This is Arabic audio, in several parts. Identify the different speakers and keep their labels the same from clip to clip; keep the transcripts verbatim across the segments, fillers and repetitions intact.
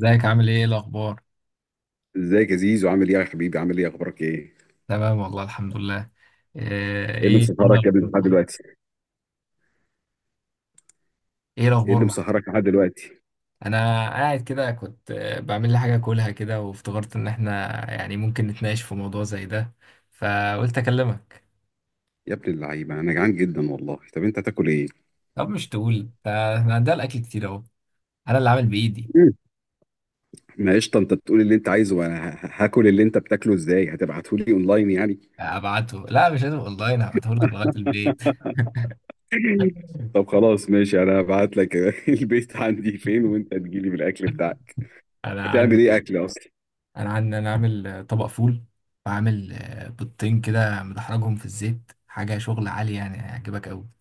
Speaker 1: ازيك؟ عامل ايه؟ إيه الاخبار؟
Speaker 2: ازيك يا زيزو، عامل ايه يا حبيبي؟ عامل ايه؟ اخبارك ايه؟
Speaker 1: تمام والله، الحمد لله. آه،
Speaker 2: ايه اللي
Speaker 1: ايه ايه
Speaker 2: مسهرك يا
Speaker 1: الاخبار
Speaker 2: ابني لحد
Speaker 1: معاك؟
Speaker 2: دلوقتي؟
Speaker 1: ايه
Speaker 2: ايه
Speaker 1: الاخبار
Speaker 2: اللي
Speaker 1: معاك؟
Speaker 2: مسهرك لحد دلوقتي؟
Speaker 1: انا قاعد كده، كنت آه، بعمل لي حاجه اكلها كده، وافتكرت ان احنا يعني ممكن نتناقش في موضوع زي ده، فقلت اكلمك.
Speaker 2: يا ابن اللعيبه انا جعان جدا والله. طب انت هتاكل ايه؟
Speaker 1: طب مش تقول؟ ده احنا عندنا الاكل كتير اهو، انا اللي عامل بايدي.
Speaker 2: مم. ما قشطه، انت بتقول اللي انت عايزه وانا ه- هاكل اللي انت بتاكله. ازاي هتبعته لي اونلاين يعني؟
Speaker 1: ابعته؟ لا مش لازم اونلاين، هبعته لك لغايه البيت.
Speaker 2: طب خلاص ماشي، انا هبعت لك البيت عندي فين وانت تجيلي بالاكل بتاعك.
Speaker 1: انا
Speaker 2: هتعمل ايه
Speaker 1: عندي،
Speaker 2: اكل اصلا؟
Speaker 1: انا عندي انا عامل طبق فول، وعامل آه، بيضتين كده مدحرجهم في الزيت، حاجه شغل عالي يعني، هيعجبك قوي.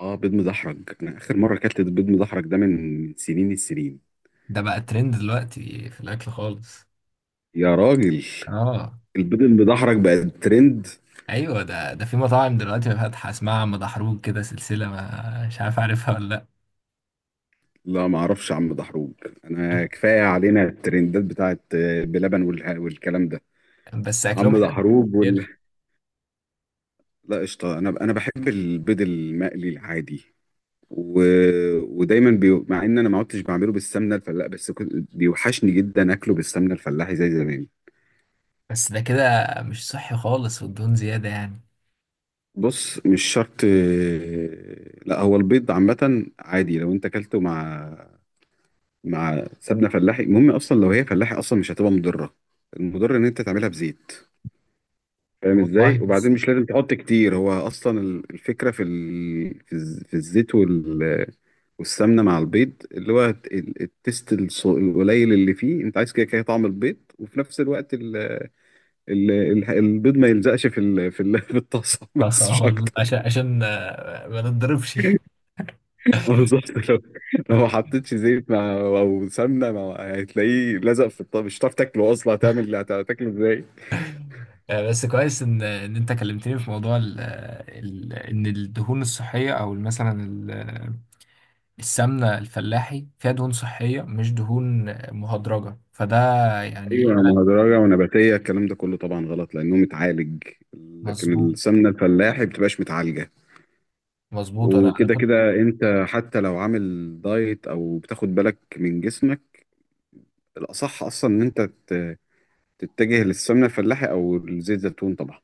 Speaker 2: اه بيض مدحرج، انا اخر مره اكلت بيض مدحرج ده من سنين السنين.
Speaker 1: ده بقى ترند دلوقتي في الاكل خالص.
Speaker 2: يا راجل،
Speaker 1: اه
Speaker 2: البيض المدحرج بقى ترند؟
Speaker 1: ايوه، ده ده في مطاعم دلوقتي فاتحه اسمها مدحروج كده، سلسله، ما مش عارف، عارفها ولا
Speaker 2: لا ما اعرفش يا عم دحروج. انا كفايه علينا الترندات بتاعت آه، بلبن والح- والكلام ده.
Speaker 1: لا؟ بس اكلهم
Speaker 2: عم
Speaker 1: حلو
Speaker 2: دحروج وال...
Speaker 1: كتير.
Speaker 2: لا قشطه، انا انا بحب البيض المقلي العادي. و... ودايما بي... مع ان انا ما عدتش بعمله بالسمنه الفلاحي، بس كنت بيوحشني جدا اكله بالسمنه الفلاحي زي زمان.
Speaker 1: بس ده كده مش صحي خالص، والدهون زياده يعني.
Speaker 2: بص، مش شرط. لا هو البيض عامه عادي لو انت اكلته مع مع سمنه فلاحي. المهم، اصلا لو هي فلاحي اصلا مش هتبقى مضره، المضر ان انت تعملها بزيت. فاهم
Speaker 1: والله
Speaker 2: ازاي؟
Speaker 1: بس.
Speaker 2: وبعدين مش لازم تحط كتير، هو اصلا ال- الفكره في ال... في الز- في الزيت وال... والسمنه مع البيض، اللي هو الت- ال- التست الص- القليل اللي فيه. انت عايز كده كده طعم البيض، وفي نفس الوقت ال... ال... ال- البيض ما يلزقش في ال... في, ال... في الطاسه،
Speaker 1: بس
Speaker 2: بس
Speaker 1: آه،
Speaker 2: مش
Speaker 1: والله
Speaker 2: اكتر.
Speaker 1: عشان عشان آه، ما نتضربش.
Speaker 2: اه بالظبط، لو لو ما حطيتش زيت مع او سمنه مع، هتلاقيه لزق في الطاسه، مش هتعرف تاكله اصلا. هتعمل هتاكله ازاي؟
Speaker 1: آه، بس كويس ان ان انت كلمتني في موضوع ال ال ان الدهون الصحيه، او مثلا ال- السمنه الفلاحي فيها دهون صحيه، مش دهون مهدرجه، فده يعني
Speaker 2: ايوه،
Speaker 1: انا.
Speaker 2: مهدرجه ونباتيه، الكلام ده كله طبعا غلط لانه متعالج. لكن
Speaker 1: مظبوط.
Speaker 2: السمنه الفلاحي بتبقاش متعالجه،
Speaker 1: مظبوط، انا انا
Speaker 2: وكده
Speaker 1: كنت.
Speaker 2: كده انت حتى لو عامل دايت او بتاخد بالك من جسمك، الاصح اصلا ان انت ت- تتجه للسمنه الفلاحي او لزيت زيتون طبعا.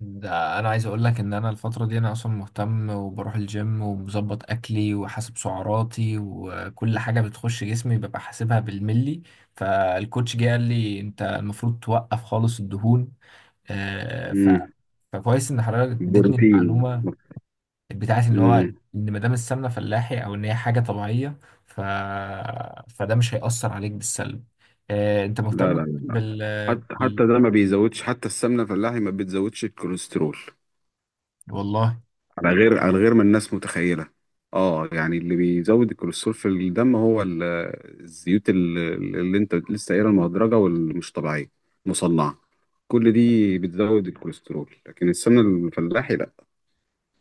Speaker 1: ده انا عايز اقول لك ان انا الفتره دي انا اصلا مهتم، وبروح الجيم، ومظبط اكلي، وحاسب سعراتي، وكل حاجه بتخش جسمي ببقى حاسبها بالملي. فالكوتش جه قال لي انت المفروض توقف خالص الدهون. آه، ف...
Speaker 2: امم.
Speaker 1: فكويس ان حضرتك اديتني
Speaker 2: بروتين.
Speaker 1: المعلومه بتاعت ان هو،
Speaker 2: امم.
Speaker 1: ان ما دام السمنه فلاحي، او ان هي حاجه طبيعيه، ف... فده مش هيأثر عليك بالسلب. آه، انت
Speaker 2: لا لا
Speaker 1: مهتم
Speaker 2: لا لا.
Speaker 1: بال...
Speaker 2: حتى
Speaker 1: بال...
Speaker 2: حتى ده ما بيزودش، حتى السمنه الفلاحي ما بتزودش الكوليسترول،
Speaker 1: والله.
Speaker 2: على غير على غير ما الناس متخيلة. اه يعني اللي بيزود الكوليسترول في الدم هو ال- الزيوت ال- اللي انت لسه قايلها، المهدرجة والمش طبيعية، مصنعة. كل دي بتزود الكوليسترول، لكن السمنة الفلاحي لا.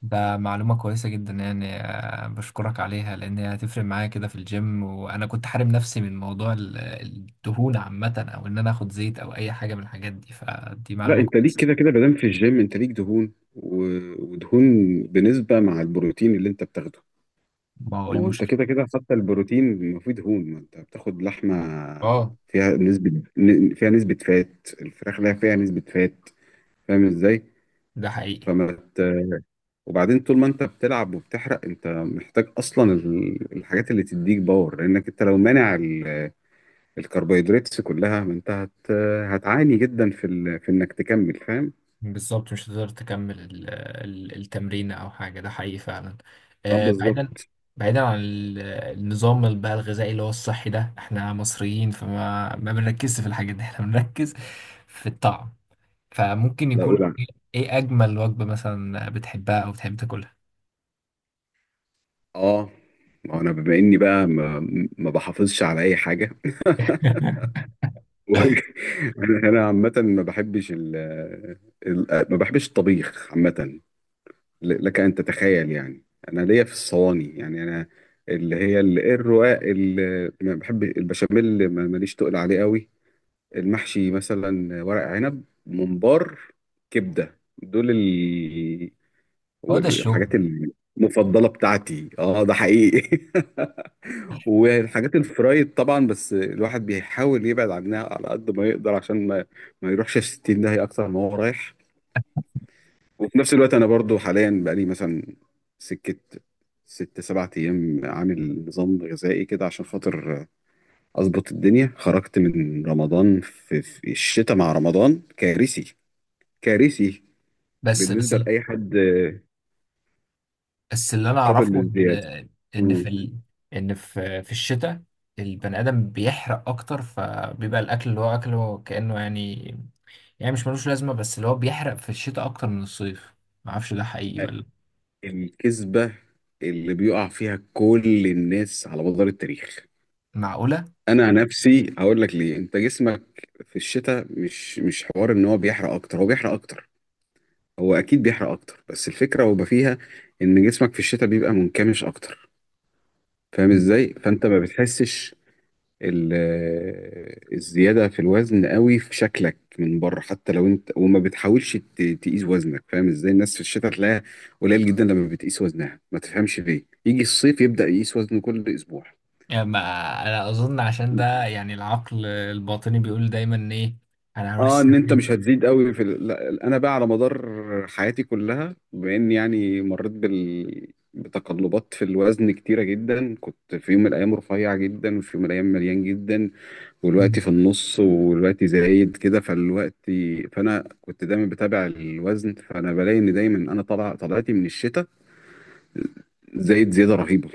Speaker 1: ده معلومة كويسة جدا يعني، آه، بشكرك عليها، لأن هي هتفرق معايا كده في الجيم. وأنا كنت حارم نفسي من موضوع ال- الدهون عامة، أو إن أنا آخد زيت أو أي حاجة من الحاجات دي، فدي
Speaker 2: لا
Speaker 1: معلومة
Speaker 2: انت ليك
Speaker 1: كويسة.
Speaker 2: كده كده، مادام في الجيم انت ليك دهون و- ودهون بنسبة مع البروتين اللي انت بتاخده.
Speaker 1: ما هو
Speaker 2: ما هو انت
Speaker 1: المشكلة.
Speaker 2: كده كده، حتى البروتين ما فيه دهون، ما انت بتاخد لحمة
Speaker 1: اه.
Speaker 2: فيها نسبة ن- فيها نسبة فات. الفراخ لا فيها نسبة فات. فاهم ازاي؟
Speaker 1: ده حقيقي.
Speaker 2: فما ت... وبعدين طول ما انت بتلعب وبتحرق، انت محتاج اصلا ال- الحاجات اللي تديك باور، لانك انت لو مانع ال- الكربوهيدرات كلها ما انت هت... هتعاني جدا في ال... في انك تكمل. فاهم؟
Speaker 1: بالظبط. مش هتقدر تكمل ال- ال- التمرين او حاجه، ده حقيقي فعلا.
Speaker 2: اه
Speaker 1: آه، بعيدا،
Speaker 2: بالظبط.
Speaker 1: بعيدا عن ال- النظام ال- بقى الغذائي اللي هو الصحي ده، احنا مصريين فما، ما بنركزش في الحاجات دي. احنا بنركز في الطعم، فممكن
Speaker 2: لا اقول
Speaker 1: يكون
Speaker 2: عن-
Speaker 1: ايه. إيه اجمل وجبه مثلا بتحبها او بتحب تاكلها؟
Speaker 2: اه، ما انا بما اني بقى ما, ما بحافظش على اي حاجه. و- انا أنا عامه ما بحبش ال... ال... ما بحبش الطبيخ عامه. ل- لك أن تتخيل يعني، أنا ليا في الصواني، يعني أنا، اللي هي ال- الرقاق، اللي ما بحب البشاميل، ما- ماليش تقل عليه قوي. المحشي مثلا، ورق عنب، ممبار، كبدة، دول ال...
Speaker 1: هو ده الشغل.
Speaker 2: والحاجات المفضلة بتاعتي، اه ده حقيقي. والحاجات الفرايد طبعا، بس الواحد بيحاول يبعد عنها على قد ما يقدر عشان ما, ما يروحش الستين ده، هي أكتر ما هو رايح. وفي نفس الوقت انا برضو حاليا بقالي مثلا سكه ست سبعة ايام عامل نظام غذائي كده عشان خاطر اظبط الدنيا. خرجت من رمضان في, في الشتاء، مع رمضان كارثي، كارثي
Speaker 1: بس. بس،
Speaker 2: بالنسبه لاي حد،
Speaker 1: بس اللي انا
Speaker 2: قابل
Speaker 1: اعرفه ان،
Speaker 2: للزياده.
Speaker 1: ان
Speaker 2: مم.
Speaker 1: في ال... ان في، في الشتاء البني ادم بيحرق اكتر، فبيبقى الاكل اللي هو اكله كانه يعني، يعني مش ملوش لازمة، بس اللي هو بيحرق في الشتاء أكتر من الصيف. معرفش ده حقيقي ولا.
Speaker 2: الكذبه اللي بيقع فيها كل الناس على مدار التاريخ،
Speaker 1: معقولة؟
Speaker 2: انا نفسي هقول لك ليه. انت جسمك في الشتاء، مش مش حوار ان هو بيحرق اكتر، هو بيحرق اكتر، هو اكيد بيحرق اكتر، بس الفكره هو بقى فيها ان جسمك في الشتاء بيبقى منكمش اكتر. فاهم
Speaker 1: مم.
Speaker 2: ازاي؟ فانت ما بتحسش ال- آه، الزياده في الوزن قوي في شكلك من بره، حتى لو انت وما بتحاولش ت- تقيس وزنك. فاهم ازاي؟ الناس في الشتاء تلاقيها قليل جدا لما بتقيس وزنها، ما تفهمش ليه. يجي الصيف يبدا يقيس وزنه كل اسبوع.
Speaker 1: يعني ما، أنا أظن عشان ده يعني العقل الباطني بيقول دايما إيه، أنا هروح
Speaker 2: اه، ان انت
Speaker 1: الساحل.
Speaker 2: مش هتزيد قوي في ال... لا انا بقى على مدار حياتي كلها، بما اني يعني مريت بال... بتقلبات في الوزن كتيره جدا، كنت في يوم من الايام رفيع جدا وفي يوم من الايام مليان جدا، والوقت
Speaker 1: مم.
Speaker 2: في النص والوقت زايد كده. فالوقت، فانا كنت دايما بتابع الوزن، فانا بلاقي ان دايما انا طلع طلعتي من الشتاء زايد زياده رهيبه.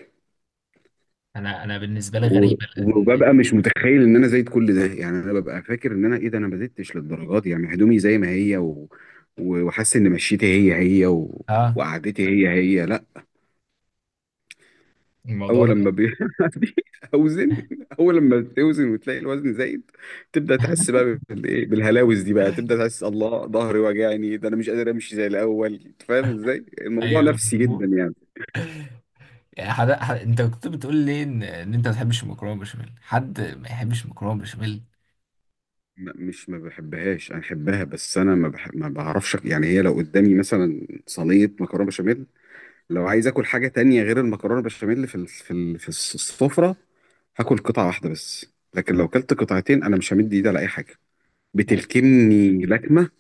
Speaker 1: أنا، أنا بالنسبة لي
Speaker 2: و-
Speaker 1: غريبة، لأن
Speaker 2: وببقى مش متخيل ان انا زايد كل ده، يعني انا ببقى فاكر ان انا ايه ده، انا ما زدتش للدرجات دي، يعني هدومي زي ما هي و... و- وحاسس ان مشيتي هي هي و...
Speaker 1: آه
Speaker 2: وقعدتي هي هي. لا،
Speaker 1: الموضوع
Speaker 2: اول
Speaker 1: ده.
Speaker 2: لما بيعدي اوزن، اول لما بتوزن وتلاقي الوزن زايد، تبدا تحس بقى بال... إيه؟ بالهلاوس دي بقى، تبدا تحس الله ظهري وجعني، ده انا مش قادر امشي زي الاول. أنت فاهم ازاي؟ الموضوع
Speaker 1: أيوه،
Speaker 2: نفسي جدا
Speaker 1: مظبوط.
Speaker 2: يعني.
Speaker 1: يعني حد، حد، أنت كنت بتقول لي إن، إن أنت ما بتحبش المكرونة بشاميل. حد ما يحبش المكرونة
Speaker 2: م- مش ما بحبهاش، انا بحبها، بس انا ما بح... ما بعرفش يعني، هي لو قدامي مثلا صينيه مكرونه بشاميل، لو عايز اكل حاجه تانية غير المكرونه بشاميل في ال... في ال... في الس- السفره، هاكل قطعه واحده بس. لكن لو كلت قطعتين انا مش همد ايدي على اي حاجه،
Speaker 1: بشاميل!
Speaker 2: بتلكمني لكمه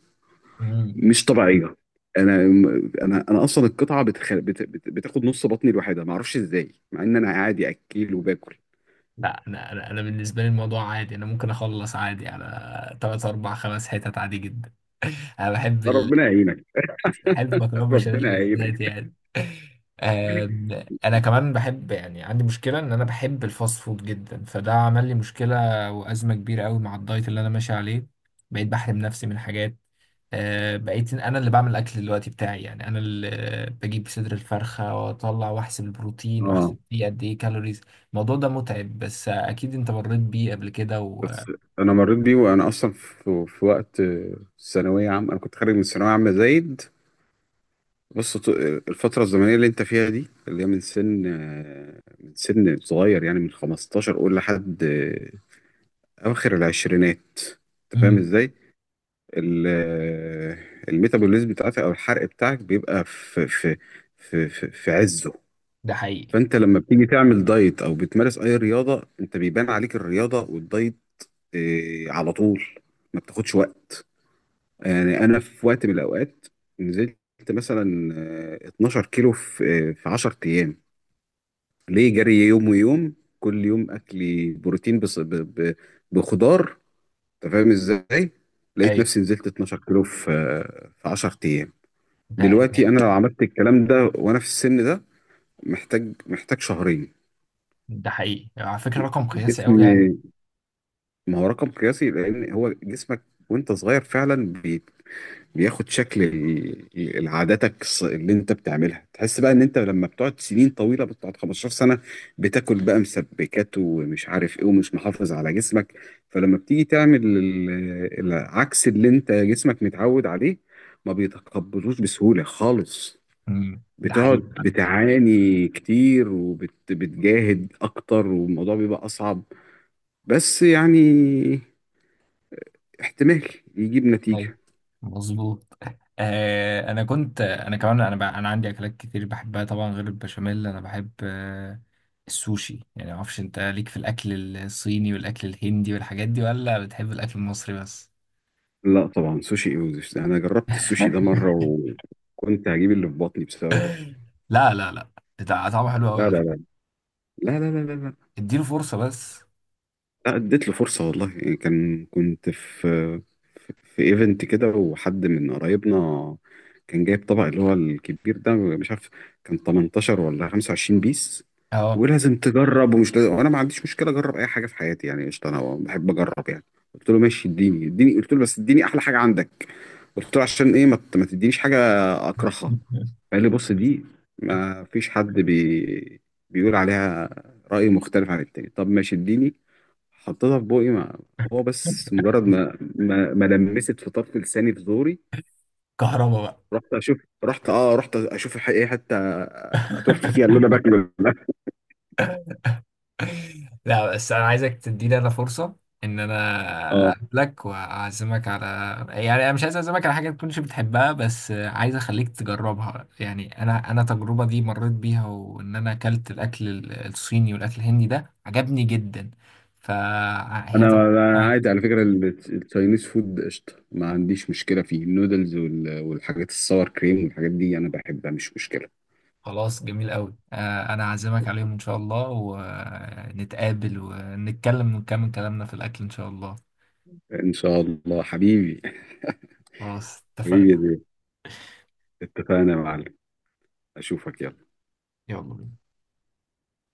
Speaker 2: مش طبيعيه. انا انا انا اصلا القطعه بتخ... بت... بت... بتاخد نص بطني لوحدها، ما اعرفش ازاي، مع ان انا عادي اكيل وباكل.
Speaker 1: لا انا انا أنا بالنسبه لي الموضوع عادي، انا ممكن اخلص عادي على تلات اربع خمس حتت عادي جدا. انا بحب
Speaker 2: ربنا يعينك.
Speaker 1: ألف مكرونة بشاميل
Speaker 2: ربنا
Speaker 1: بالذات
Speaker 2: يعينك.
Speaker 1: يعني. آم، أنا كمان بحب، يعني عندي مشكلة إن أنا بحب الفاست فود جدا، فده عمل لي مشكلة وأزمة كبيرة أوي مع الدايت اللي أنا ماشي عليه. بقيت بحرم نفسي من حاجات. آه، بقيت أنا اللي بعمل الأكل دلوقتي بتاعي، يعني أنا اللي بجيب صدر الفرخة وأطلع وأحسب البروتين
Speaker 2: اه،
Speaker 1: وأحسب فيه قد إيه كالوريز. الموضوع ده متعب، بس أكيد أنت مريت بيه قبل كده. و...
Speaker 2: بس انا مريت بيه وانا اصلا في, في وقت آه، ثانويه عامه، انا كنت خارج من ثانويه عامه زايد. بص، ط- الفتره الزمنيه اللي انت فيها دي، اللي هي من سن آه، من سن صغير، يعني من خمسة عشر قول لحد آه، اواخر العشرينات. انت فاهم
Speaker 1: مم،
Speaker 2: ازاي؟ ال- آه، الميتابوليزم بتاعتك او الحرق بتاعك بيبقى في في في في, في عزه.
Speaker 1: ده حقيقي.
Speaker 2: فانت لما بتيجي تعمل دايت او بتمارس اي رياضه، انت بيبان عليك الرياضه والدايت آه، على طول، ما بتاخدش وقت. يعني انا في وقت من الاوقات نزلت مثلا آه، اتناشر كيلو في آه، في عشر ايام، ليه؟ جري يوم ويوم، كل يوم اكلي بروتين، بص ب... ب... بخضار. انت فاهم ازاي؟ لقيت
Speaker 1: أيوه.
Speaker 2: نفسي نزلت اتناشر كيلو في آه، في عشر ايام.
Speaker 1: ده ده
Speaker 2: دلوقتي انا لو عملت الكلام ده وانا في السن ده، محتاج محتاج شهرين.
Speaker 1: ده حقيقي على فكرة، رقم قياسي
Speaker 2: الجسم،
Speaker 1: أوي يعني.
Speaker 2: ما هو رقم قياسي لان هو جسمك وانت صغير فعلا بياخد شكل ال- ال- عاداتك الص- اللي انت بتعملها. تحس بقى ان انت لما بتقعد سنين طويله، بتقعد خمسة عشر سنه بتاكل بقى مسبكات ومش عارف ايه، ومش محافظ على جسمك، فلما بتيجي تعمل ال- العكس اللي انت جسمك متعود عليه، ما بيتقبلوش بسهوله خالص.
Speaker 1: امم، ده
Speaker 2: بتقعد
Speaker 1: حقيقي.
Speaker 2: بتعاني كتير وبتجاهد اكتر، والموضوع بيبقى اصعب، بس يعني احتمال يجيب
Speaker 1: طيب،
Speaker 2: نتيجه.
Speaker 1: مظبوط. آه انا كنت، انا كمان، انا ب... انا عندي اكلات كتير بحبها طبعا، غير البشاميل انا بحب آه السوشي يعني، ما اعرفش انت ليك في الاكل الصيني والاكل الهندي والحاجات دي، ولا بتحب الاكل المصري بس؟
Speaker 2: لا طبعا، سوشي انجلش ده انا جربت السوشي ده مره وكنت هجيب اللي في بطني بسببه.
Speaker 1: لا لا لا، ده طعمه حلو قوي
Speaker 2: لا
Speaker 1: على
Speaker 2: لا
Speaker 1: فكره،
Speaker 2: لا لا لا لا لا لا.
Speaker 1: اديله فرصه بس.
Speaker 2: لا، اديت له فرصه والله، يعني كان، كنت في في ايفنت كده، وحد من قرايبنا كان جايب طبق اللي هو الكبير ده، مش عارف كان تمنتاشر ولا خمسة وعشرين بيس،
Speaker 1: اه.
Speaker 2: ولازم تجرب ومش لازم، وانا ما عنديش مشكله اجرب اي حاجه في حياتي، يعني قشطه، انا بحب اجرب يعني. قلت له ماشي، اديني اديني قلت له بس اديني احلى حاجه عندك. قلت له عشان ايه ما ت- ما تدينيش حاجه اكرهها. قال لي بص دي ما فيش حد بي... بيقول عليها رأي مختلف عن التاني. طب ماشي، اديني. حطيتها في بوقي، ما هو بس مجرد ما ما, ما لمست في طرف لساني في زوري،
Speaker 1: كهربا بقى.
Speaker 2: رحت اشوف، رحت اه رحت اشوف الح- ايه حتى اتف فيها اللي انا باكله ده.
Speaker 1: لا بس انا عايزك تديني انا فرصه، ان انا
Speaker 2: اه،
Speaker 1: اقابلك واعزمك على، يعني انا مش عايز اعزمك على حاجه ما تكونش بتحبها، بس عايز اخليك تجربها. يعني انا انا التجربه دي مريت بيها، وان انا اكلت الاكل ال- الصيني والاكل الهندي ده عجبني جدا، فهي
Speaker 2: انا
Speaker 1: تجربة
Speaker 2: أنا عادي على
Speaker 1: عايزة.
Speaker 2: فكره ال- التشاينيز فود قشطه، ما عنديش مشكله فيه، النودلز وال- والحاجات الساور كريم والحاجات دي انا بحبها، مش مشكله.
Speaker 1: خلاص جميل قوي، آه، انا هعزمك عليهم ان شاء الله، ونتقابل ونتكلم ونكمل كلامنا في الاكل ان شاء الله.
Speaker 2: ان شاء الله حبيبي،
Speaker 1: خلاص
Speaker 2: حبيبي يا
Speaker 1: اتفقنا.
Speaker 2: زين، اتفقنا يا معلم، اشوفك، يلا.
Speaker 1: يلا بينا.